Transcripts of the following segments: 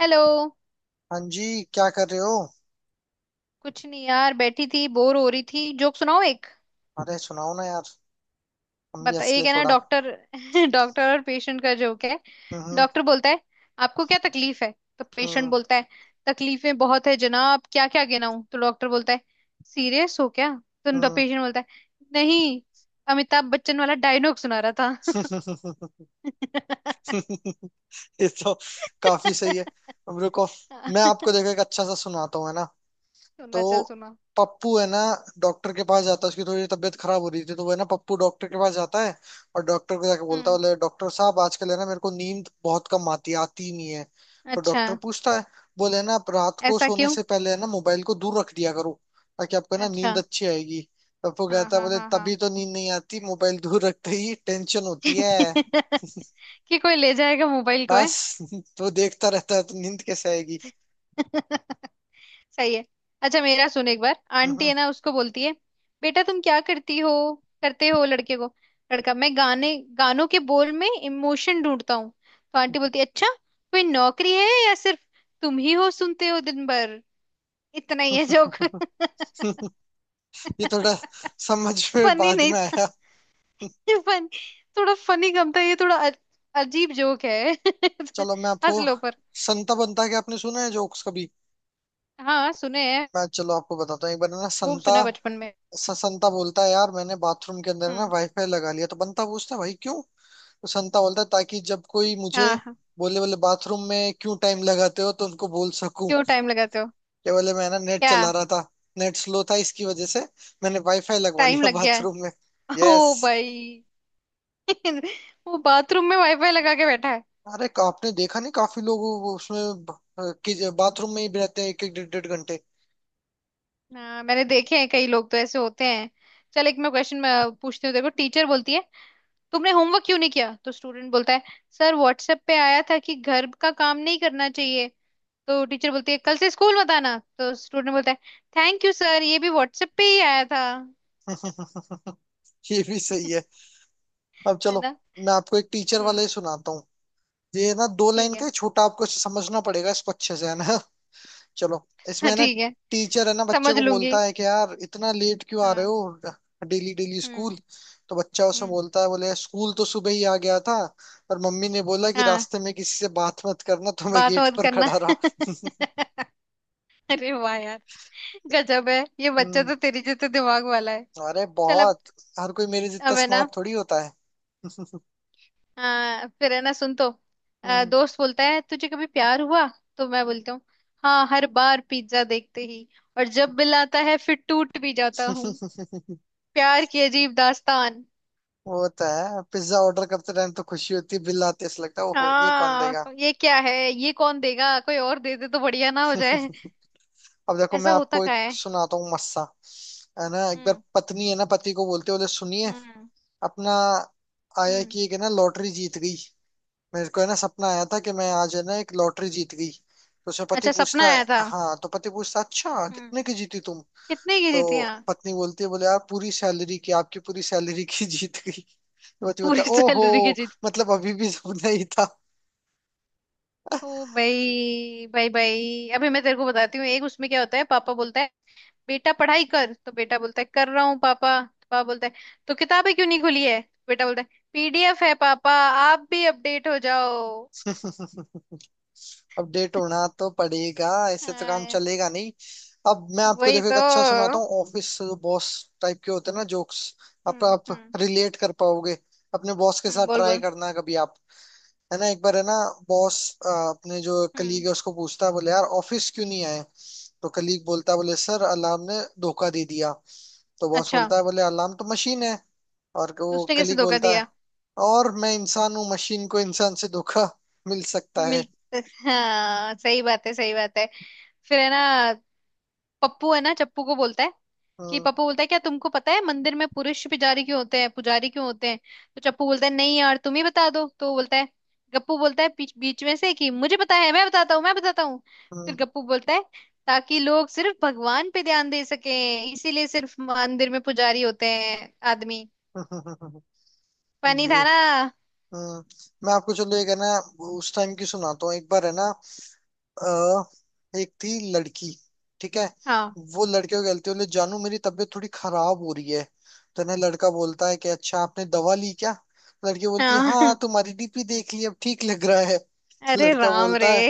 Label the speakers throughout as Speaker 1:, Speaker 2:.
Speaker 1: Hello.
Speaker 2: हाँ जी, क्या कर रहे हो?
Speaker 1: कुछ नहीं यार, बैठी थी, बोर हो रही थी। जोक सुनाओ एक।
Speaker 2: अरे, सुनाओ ना यार। हम भी
Speaker 1: बता,
Speaker 2: हंस
Speaker 1: एक
Speaker 2: ले
Speaker 1: है ना
Speaker 2: थोड़ा।
Speaker 1: डॉक्टर डॉक्टर और पेशेंट का जोक है।
Speaker 2: हम्म।
Speaker 1: डॉक्टर बोलता है आपको क्या तकलीफ है। तो पेशेंट
Speaker 2: हम्म।
Speaker 1: बोलता है तकलीफें बहुत है जनाब, क्या क्या गिनाऊं। तो डॉक्टर बोलता है सीरियस हो क्या। तो
Speaker 2: हम्म।
Speaker 1: पेशेंट बोलता है नहीं, अमिताभ बच्चन वाला डायलॉग सुना रहा था।
Speaker 2: ये तो काफी सही है। अब रुको, मैं आपको देखो एक अच्छा सा सुनाता हूँ, है ना। तो
Speaker 1: सुना चल सुना।
Speaker 2: पप्पू है ना, डॉक्टर के पास जाता है। उसकी थोड़ी तबीयत खराब हो रही थी, तो वो है ना पप्पू डॉक्टर के पास जाता है। और डॉक्टर को जाके बोलता है,
Speaker 1: हम्म।
Speaker 2: बोले डॉक्टर साहब, आजकल है ना मेरे को नींद बहुत कम आती है, आती ही नहीं है। तो
Speaker 1: अच्छा।
Speaker 2: डॉक्टर पूछता है, बोले है ना आप रात को
Speaker 1: ऐसा
Speaker 2: सोने
Speaker 1: क्यों।
Speaker 2: से पहले है ना मोबाइल को दूर रख दिया करो, ताकि आपको है ना
Speaker 1: अच्छा।
Speaker 2: नींद अच्छी आएगी। तो पप्पू
Speaker 1: हाँ
Speaker 2: कहता है,
Speaker 1: हाँ
Speaker 2: बोले
Speaker 1: हाँ हाँ।
Speaker 2: तभी तो नींद नहीं आती, मोबाइल दूर रखते ही टेंशन होती है।
Speaker 1: कि कोई ले जाएगा मोबाइल को है।
Speaker 2: बस, तो देखता रहता है, तो नींद कैसे आएगी।
Speaker 1: सही है। अच्छा मेरा सुन, एक बार आंटी
Speaker 2: हम्म,
Speaker 1: है ना उसको बोलती है, बेटा तुम क्या करती हो करते हो लड़के को। लड़का, मैं गाने गानों के बोल में इमोशन ढूंढता हूँ। तो आंटी बोलती है अच्छा, कोई नौकरी है या सिर्फ तुम ही हो सुनते हो दिन भर। इतना ही है जोक।
Speaker 2: ये थोड़ा समझ में
Speaker 1: फनी
Speaker 2: बाद
Speaker 1: नहीं
Speaker 2: में
Speaker 1: था।
Speaker 2: आया।
Speaker 1: फन, थोड़ा फनी कम था ये, थोड़ा अजीब जोक है।
Speaker 2: चलो, मैं आपको
Speaker 1: हंस लो पर।
Speaker 2: संता बनता के आपने सुना है जोक्स कभी।
Speaker 1: हाँ सुने हैं।
Speaker 2: मैं चलो आपको बताता हूँ। एक बार है ना
Speaker 1: खूब
Speaker 2: संता,
Speaker 1: सुना बचपन में।
Speaker 2: संता बोलता है यार मैंने बाथरूम के अंदर है ना
Speaker 1: हम्म।
Speaker 2: वाईफाई लगा लिया। तो बंता पूछता है भाई क्यों? तो संता बोलता है ताकि जब कोई मुझे
Speaker 1: हाँ हाँ।
Speaker 2: बोले बोले बाथरूम में क्यों टाइम लगाते हो, तो उनको बोल सकूं
Speaker 1: क्यों टाइम लगाते हो।
Speaker 2: कि बोले मैं ना नेट
Speaker 1: क्या
Speaker 2: चला रहा था, नेट स्लो था, इसकी वजह से मैंने वाईफाई लगवा
Speaker 1: टाइम
Speaker 2: लिया
Speaker 1: लग गया है।
Speaker 2: बाथरूम में। यस।
Speaker 1: ओ भाई वो बाथरूम में वाईफाई लगा के बैठा है।
Speaker 2: अरे, आपने देखा नहीं काफी लोग उसमें बाथरूम में ही रहते हैं, एक एक डेढ़ डेढ़ घंटे।
Speaker 1: हाँ मैंने देखे हैं, कई लोग तो ऐसे होते हैं। चल, एक मैं क्वेश्चन मैं पूछती हूँ। देखो, टीचर बोलती है तुमने होमवर्क क्यों नहीं किया। तो स्टूडेंट बोलता है सर व्हाट्सएप पे आया था कि घर का काम नहीं करना चाहिए। तो टीचर बोलती है कल से स्कूल मत आना। तो स्टूडेंट बोलता है थैंक यू सर, ये भी व्हाट्सएप पे ही आया था।
Speaker 2: ये भी सही है। अब
Speaker 1: है
Speaker 2: चलो
Speaker 1: ना।
Speaker 2: मैं आपको एक टीचर वाले
Speaker 1: हम्म।
Speaker 2: ही सुनाता हूँ। ये ना दो लाइन
Speaker 1: ठीक
Speaker 2: का
Speaker 1: है।
Speaker 2: है, छोटा, आपको इसे समझना पड़ेगा इसको अच्छे से, है ना। चलो, इसमें है ना
Speaker 1: ठीक है।
Speaker 2: टीचर है ना बच्चे
Speaker 1: समझ
Speaker 2: को
Speaker 1: लूंगी।
Speaker 2: बोलता है कि यार इतना लेट क्यों आ रहे
Speaker 1: हाँ।
Speaker 2: हो डेली डेली
Speaker 1: हम्म।
Speaker 2: स्कूल? तो बच्चा उसमें
Speaker 1: हम्म।
Speaker 2: बोलता है, बोले स्कूल तो सुबह ही आ गया था, पर मम्मी ने बोला कि
Speaker 1: हाँ।
Speaker 2: रास्ते में किसी से बात मत करना, तो मैं
Speaker 1: बात
Speaker 2: गेट
Speaker 1: मत
Speaker 2: पर
Speaker 1: करना
Speaker 2: खड़ा रहा।
Speaker 1: अरे वाह यार, गजब है, ये बच्चा
Speaker 2: हम्म।
Speaker 1: तो तेरी जैसे दिमाग वाला है।
Speaker 2: अरे
Speaker 1: चल अब।
Speaker 2: बहुत। हर कोई मेरे जितना
Speaker 1: अब है ना,
Speaker 2: स्मार्ट थोड़ी होता है।
Speaker 1: फिर है ना सुन तो,
Speaker 2: हम्म।
Speaker 1: दोस्त बोलता है तुझे कभी प्यार हुआ। तो मैं बोलता हूँ हाँ, हर बार पिज्जा देखते ही। और जब बिल आता है, फिर टूट भी जाता हूँ। प्यार की अजीब दास्तान।
Speaker 2: वो तो है, पिज्जा ऑर्डर करते टाइम तो खुशी होती है, बिल आते ऐसा लगता है ओहो ये कौन देगा।
Speaker 1: हाँ ये क्या है, ये कौन देगा, कोई और दे दे तो बढ़िया ना हो जाए।
Speaker 2: अब देखो मैं
Speaker 1: ऐसा होता
Speaker 2: आपको
Speaker 1: का
Speaker 2: एक
Speaker 1: है।
Speaker 2: सुनाता हूँ मस्सा। है ना, एक बार
Speaker 1: हम्म।
Speaker 2: पत्नी है ना पति को बोलते, बोले सुनिए,
Speaker 1: हम्म।
Speaker 2: अपना आया
Speaker 1: हम्म।
Speaker 2: कि एक है ना लॉटरी जीत गई। मेरे को है ना सपना आया था कि मैं आज है ना एक लॉटरी जीत गई। तो उसमें पति
Speaker 1: अच्छा सपना
Speaker 2: पूछता है,
Speaker 1: आया था।
Speaker 2: हाँ, तो पति पूछता अच्छा
Speaker 1: हम्म।
Speaker 2: कितने की जीती तुम?
Speaker 1: कितने की
Speaker 2: तो
Speaker 1: जीतियां।
Speaker 2: पत्नी बोलती है, बोले यार पूरी सैलरी की, आपकी पूरी सैलरी की जीत गई। तो पति बोलता
Speaker 1: पूरी
Speaker 2: ओहो,
Speaker 1: सैलरी की जीत।
Speaker 2: मतलब अभी भी सपना ही था।
Speaker 1: ओ भाई भाई भाई, अभी मैं तेरे को बताती हूँ एक। उसमें क्या होता है, पापा बोलता है बेटा पढ़ाई कर। तो बेटा बोलता है कर रहा हूँ पापा। तो पापा बोलता है तो किताबें क्यों नहीं खुली है। बेटा बोलता है पीडीएफ है पापा, आप भी अपडेट हो जाओ।
Speaker 2: अपडेट होना तो पड़ेगा, ऐसे तो काम
Speaker 1: हाँ।
Speaker 2: चलेगा नहीं। अब मैं आपको
Speaker 1: वही
Speaker 2: देखो
Speaker 1: तो।
Speaker 2: एक अच्छा सुनाता
Speaker 1: हम्म।
Speaker 2: हूँ, ऑफिस बॉस टाइप के होते हैं ना जोक्स। आप
Speaker 1: हम्म।
Speaker 2: रिलेट कर पाओगे अपने बॉस के साथ,
Speaker 1: बोल
Speaker 2: ट्राई
Speaker 1: बोल।
Speaker 2: करना कभी आप। है ना, एक बार है ना बॉस अपने जो कलीग
Speaker 1: हम्म।
Speaker 2: है उसको पूछता है, बोले यार ऑफिस क्यों नहीं आए? तो कलीग बोलता है, बोले सर अलार्म ने धोखा दे दिया। तो बॉस
Speaker 1: अच्छा।
Speaker 2: बोलता है, बोले अलार्म तो मशीन है। और वो
Speaker 1: उसने कैसे
Speaker 2: कलीग
Speaker 1: धोखा
Speaker 2: बोलता है
Speaker 1: दिया।
Speaker 2: और मैं इंसान हूँ, मशीन को इंसान से धोखा मिल सकता
Speaker 1: मिल
Speaker 2: है।
Speaker 1: हाँ सही बात है, सही बात है। फिर है ना, पप्पू है ना चप्पू को बोलता है, कि
Speaker 2: हम्म।
Speaker 1: पप्पू बोलता है क्या तुमको पता है मंदिर में पुरुष पुजारी क्यों होते हैं, पुजारी क्यों होते हैं। तो चप्पू बोलता है नहीं यार, तुम ही बता दो। तो बोलता है, गप्पू बोलता है बीच बीच में से, कि मुझे पता है, मैं बताता हूँ मैं बताता हूँ। फिर गप्पू बोलता है ताकि लोग सिर्फ भगवान पे ध्यान दे सके, इसीलिए सिर्फ मंदिर में पुजारी होते हैं आदमी।
Speaker 2: हम्म।
Speaker 1: पानी
Speaker 2: ये,
Speaker 1: था ना।
Speaker 2: हम्म मैं आपको चलो एक है ना उस टाइम की सुनाता हूँ। एक बार है ना, एक थी लड़की, ठीक है।
Speaker 1: हाँ
Speaker 2: वो लड़के को कहती है, बोले जानू मेरी तबीयत थोड़ी खराब हो रही है। तो ना लड़का बोलता है कि अच्छा आपने दवा ली क्या? लड़की बोलती है
Speaker 1: हाँ।
Speaker 2: हाँ, तुम्हारी डीपी देख ली, अब ठीक लग रहा है। तो
Speaker 1: अरे
Speaker 2: लड़का
Speaker 1: राम रे
Speaker 2: बोलता है,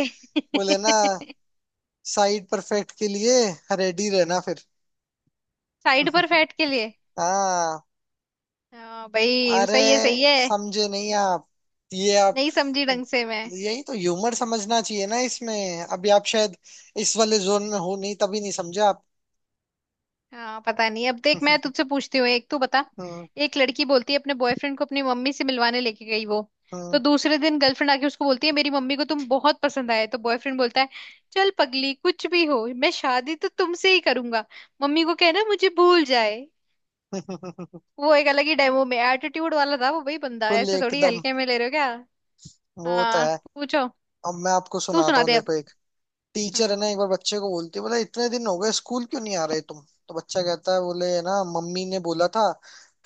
Speaker 2: बोले ना साइड परफेक्ट के लिए रेडी रहना फिर।
Speaker 1: साइड पर फैट के लिए।
Speaker 2: हाँ।
Speaker 1: हाँ भाई
Speaker 2: अरे
Speaker 1: सही है, सही है।
Speaker 2: समझे नहीं आप, ये आप,
Speaker 1: नहीं समझी ढंग से मैं।
Speaker 2: यही तो ह्यूमर समझना चाहिए ना इसमें। अभी आप शायद इस वाले जोन में हो नहीं, तभी नहीं समझे आप।
Speaker 1: हाँ पता नहीं। अब देख, मैं तुझसे पूछती हूँ एक, तू बता।
Speaker 2: हम्म।
Speaker 1: एक लड़की बोलती है, अपने बॉयफ्रेंड को अपनी मम्मी से मिलवाने लेके गई वो। तो
Speaker 2: हम्म।
Speaker 1: दूसरे दिन गर्लफ्रेंड आके उसको बोलती है मेरी मम्मी को तुम बहुत पसंद आए। तो बॉयफ्रेंड बोलता है चल पगली, कुछ भी हो मैं शादी तो तुमसे ही करूंगा, मम्मी को कहना मुझे भूल जाए। वो एक अलग ही डेमो में एटीट्यूड वाला था वो भाई, बंदा
Speaker 2: फुल
Speaker 1: ऐसे थोड़ी
Speaker 2: एकदम,
Speaker 1: हल्के में ले रहे हो क्या।
Speaker 2: वो तो
Speaker 1: हाँ।
Speaker 2: है।
Speaker 1: पूछो।
Speaker 2: अब मैं आपको
Speaker 1: तू
Speaker 2: सुनाता
Speaker 1: सुना
Speaker 2: हूँ,
Speaker 1: दे अब।
Speaker 2: देखो एक। टीचर है
Speaker 1: हम्म।
Speaker 2: ना एक बार बच्चे को बोलती है, बोले इतने दिन हो गए स्कूल क्यों नहीं आ रहे तुम? तो बच्चा कहता है, बोले है ना मम्मी ने बोला था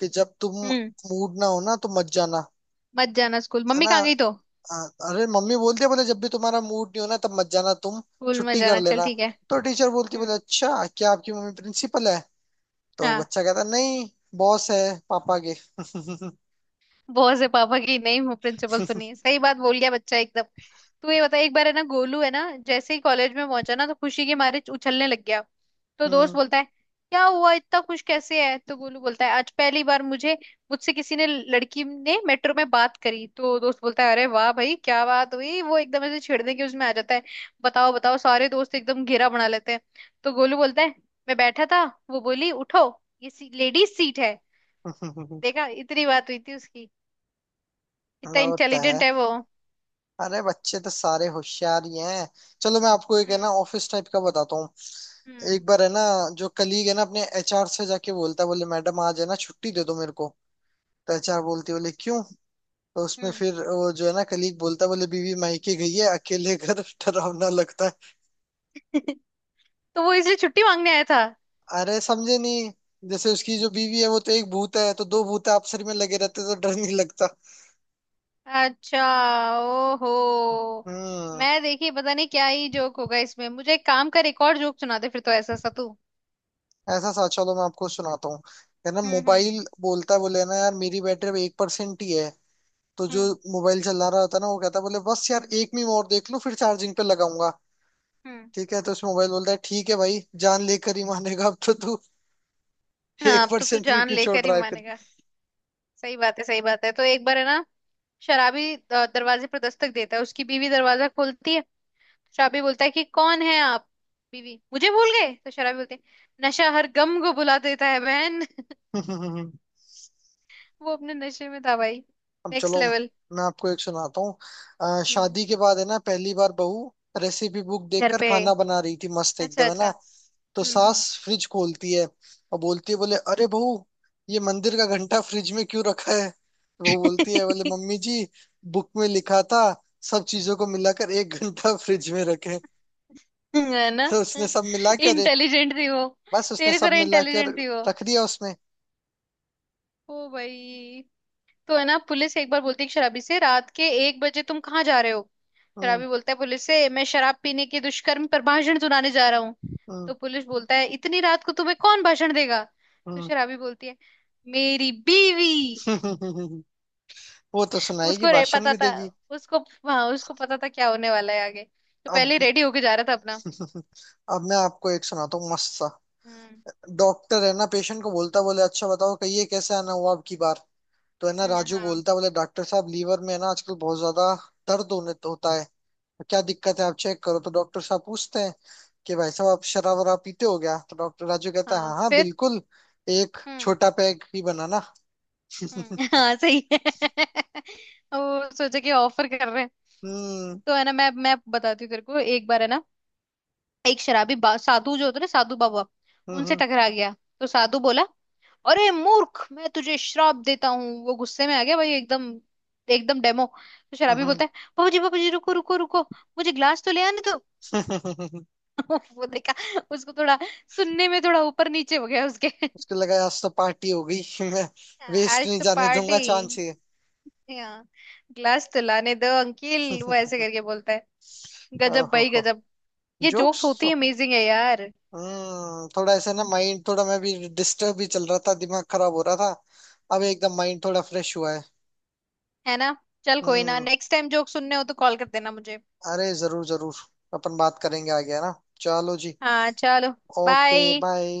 Speaker 2: कि जब तुम
Speaker 1: हम्म।
Speaker 2: मूड ना हो ना तो मत जाना,
Speaker 1: मत जाना स्कूल,
Speaker 2: है
Speaker 1: मम्मी
Speaker 2: ना।
Speaker 1: कहाँ गई तो,
Speaker 2: अरे, मम्मी बोलती है, बोले जब भी तुम्हारा मूड नहीं हो ना तब मत जाना तुम,
Speaker 1: स्कूल में
Speaker 2: छुट्टी कर
Speaker 1: जाना चल
Speaker 2: लेना।
Speaker 1: ठीक है।
Speaker 2: तो टीचर बोलती है, बोले
Speaker 1: हम्म।
Speaker 2: अच्छा क्या आपकी मम्मी प्रिंसिपल है? तो
Speaker 1: हाँ।
Speaker 2: बच्चा कहता नहीं, बॉस है पापा के।
Speaker 1: बॉस है पापा की, नहीं हूँ प्रिंसिपल तो नहीं, सही बात बोल गया बच्चा एकदम। तू ये बता, एक बार है ना गोलू है ना, जैसे ही कॉलेज में पहुंचा ना तो खुशी के मारे उछलने लग गया। तो दोस्त
Speaker 2: हम्म।
Speaker 1: बोलता है क्या हुआ, इतना खुश कैसे है। तो गोलू बोलता है आज पहली बार मुझे मुझसे किसी ने, लड़की ने मेट्रो में बात करी। तो दोस्त बोलता है अरे वाह भाई, क्या बात हुई। वो एकदम ऐसे छेड़ने के उसमें आ जाता है, बताओ बताओ, सारे दोस्त एकदम घेरा बना लेते हैं। तो गोलू बोलता है मैं बैठा था, वो बोली उठो, ये लेडीज सीट है। देखा, इतनी बात हुई थी उसकी,
Speaker 2: हाँ,
Speaker 1: इतना
Speaker 2: होता है।
Speaker 1: इंटेलिजेंट है वो।
Speaker 2: अरे बच्चे तो सारे होशियार ही हैं। चलो मैं आपको एक है
Speaker 1: हम्म।
Speaker 2: ना ऑफिस टाइप का बताता हूँ।
Speaker 1: हम्म।
Speaker 2: एक बार है ना जो कलीग है ना अपने एचआर से जाके बोलता है, बोले मैडम आज है ना छुट्टी दे दो मेरे को। तो एचआर बोलती है, बोले क्यों? तो उसमें
Speaker 1: हम्म।
Speaker 2: फिर वो जो है ना कलीग बोलता है, बोले बीवी मायके गई है, अकेले घर डरावना लगता है।
Speaker 1: तो वो इसलिए छुट्टी मांगने आया था।
Speaker 2: अरे समझे नहीं, जैसे उसकी जो बीवी है वो तो एक भूत है, तो दो भूत आपसरी में लगे रहते तो डर नहीं लगता।
Speaker 1: अच्छा। ओहो।
Speaker 2: हम्म।
Speaker 1: मैं देखी पता नहीं क्या ही जोक होगा इसमें मुझे। एक काम कर, एक और जोक सुना दे फिर, तो ऐसा सा तू।
Speaker 2: ऐसा सा चलो मैं आपको सुनाता हूँ। है ना,
Speaker 1: हम्म। हम्म।
Speaker 2: मोबाइल बोलता है, बोले ना यार मेरी बैटरी 1% ही है। तो जो
Speaker 1: हम्म।
Speaker 2: मोबाइल चला रहा होता है ना वो कहता है, बोले बस यार
Speaker 1: हम्म।
Speaker 2: एक मीम और देख लो फिर चार्जिंग पे लगाऊंगा,
Speaker 1: हम्म।
Speaker 2: ठीक है। तो उस मोबाइल बोलता है ठीक है भाई, जान लेकर ही मानेगा अब तो तू,
Speaker 1: हाँ
Speaker 2: एक
Speaker 1: अब तो तू
Speaker 2: परसेंट भी
Speaker 1: जान
Speaker 2: क्यों छोड़
Speaker 1: लेकर ही
Speaker 2: रहा है फिर।
Speaker 1: मानेगा। सही बात है, सही बात है। तो एक बार है ना शराबी दरवाजे पर दस्तक देता है, उसकी बीवी दरवाजा खोलती है। शराबी बोलता है कि कौन है आप। बीवी, मुझे भूल गए। तो शराबी बोलते हैं, नशा हर गम को भुला देता है बहन। वो अपने नशे में था भाई।
Speaker 2: अब
Speaker 1: नेक्स्ट
Speaker 2: चलो
Speaker 1: लेवल।
Speaker 2: मैं आपको एक सुनाता हूँ।
Speaker 1: हम्म।
Speaker 2: शादी के बाद है ना पहली बार बहू रेसिपी बुक
Speaker 1: घर
Speaker 2: देखकर
Speaker 1: पे है।
Speaker 2: खाना बना रही थी मस्त
Speaker 1: अच्छा
Speaker 2: एकदम, है
Speaker 1: अच्छा।
Speaker 2: ना। तो सास
Speaker 1: हम्म।
Speaker 2: फ्रिज खोलती है और बोलती है, बोले अरे बहू ये मंदिर का घंटा फ्रिज में क्यों रखा है? तो वो बोलती है, बोले
Speaker 1: हम्म।
Speaker 2: मम्मी जी बुक में लिखा था सब चीजों को मिलाकर 1 घंटा फ्रिज में रखे।
Speaker 1: है ना।
Speaker 2: तो उसने सब मिला के अरे,
Speaker 1: इंटेलिजेंट थी वो।
Speaker 2: बस उसने
Speaker 1: तेरी
Speaker 2: सब
Speaker 1: तरह
Speaker 2: मिला के और
Speaker 1: इंटेलिजेंट थी वो।
Speaker 2: रख दिया उसमें।
Speaker 1: ओ भाई। तो है ना पुलिस एक बार बोलती है कि शराबी से, रात के 1 बजे तुम कहाँ जा रहे हो।
Speaker 2: हम्म।
Speaker 1: शराबी बोलता है पुलिस से, मैं शराब पीने के दुष्कर्म पर भाषण सुनाने जा रहा हूँ।
Speaker 2: हम्म।
Speaker 1: तो पुलिस बोलता है इतनी रात को तुम्हें कौन भाषण देगा। तो
Speaker 2: हम्म।
Speaker 1: शराबी बोलती है मेरी बीवी।
Speaker 2: वो तो सुनाएगी
Speaker 1: उसको रे
Speaker 2: भाषण
Speaker 1: पता
Speaker 2: भी
Speaker 1: था
Speaker 2: देगी।
Speaker 1: उसको, हाँ उसको पता था क्या होने वाला है आगे, तो पहले
Speaker 2: अब
Speaker 1: ही रेडी होके जा रहा था अपना।
Speaker 2: अब मैं आपको एक सुनाता हूँ मस्त सा।
Speaker 1: हम्म।
Speaker 2: डॉक्टर है ना पेशेंट को बोलता, बोले अच्छा बताओ, कहिए कैसे आना हुआ अब की बार? तो है ना राजू
Speaker 1: हाँ।
Speaker 2: बोलता, बोले डॉक्टर साहब लीवर में है ना आजकल बहुत ज्यादा दर्द होने होता है, तो क्या दिक्कत है आप चेक करो। तो डॉक्टर साहब पूछते हैं कि भाई साहब आप शराब वराब पीते हो क्या? तो डॉक्टर राजू कहता है
Speaker 1: हाँ
Speaker 2: हाँ हाँ
Speaker 1: फिर।
Speaker 2: बिल्कुल, एक
Speaker 1: हम्म।
Speaker 2: छोटा पैग ही बनाना।
Speaker 1: हम्म। हाँ सही है। वो सोचा कि ऑफर कर रहे हैं।
Speaker 2: हम्म।
Speaker 1: तो है ना मैं बताती हूँ तेरे को, एक बार है ना एक शराबी साधु जो होते हैं ना साधु बाबा, उनसे
Speaker 2: हम्म।
Speaker 1: टकरा गया। तो साधु बोला अरे मूर्ख, मैं तुझे श्राप देता हूँ। वो गुस्से में आ गया भाई एकदम, एकदम डेमो। तो शराबी
Speaker 2: हम्म।
Speaker 1: बोलता है बाबूजी बाबूजी, रुको रुको रुको, मुझे ग्लास तो ले आने दो।
Speaker 2: हम्म।
Speaker 1: वो देखा उसको, थोड़ा सुनने में थोड़ा ऊपर नीचे हो गया उसके।
Speaker 2: उसको लगा आज तो पार्टी हो गई। मैं वेस्ट
Speaker 1: आज
Speaker 2: नहीं
Speaker 1: तो
Speaker 2: जाने दूंगा
Speaker 1: पार्टी,
Speaker 2: चांस ये।
Speaker 1: ग्लास तो लाने दो अंकिल, वो ऐसे करके बोलता है। गजब भाई
Speaker 2: ओहो।
Speaker 1: गजब। ये
Speaker 2: जोक्स।
Speaker 1: जोक्स होती है, अमेजिंग है यार।
Speaker 2: थोड़ा ऐसा ना, माइंड थोड़ा मैं भी डिस्टर्ब भी चल रहा था, दिमाग खराब हो रहा था। अब एकदम माइंड थोड़ा फ्रेश हुआ है।
Speaker 1: है ना। चल कोई ना,
Speaker 2: हम्म।
Speaker 1: नेक्स्ट टाइम जोक सुनने हो तो कॉल कर देना मुझे।
Speaker 2: अरे जरूर जरूर, अपन बात करेंगे आगे, है ना। चलो जी,
Speaker 1: हाँ चलो।
Speaker 2: Okay,
Speaker 1: bye.
Speaker 2: बाय।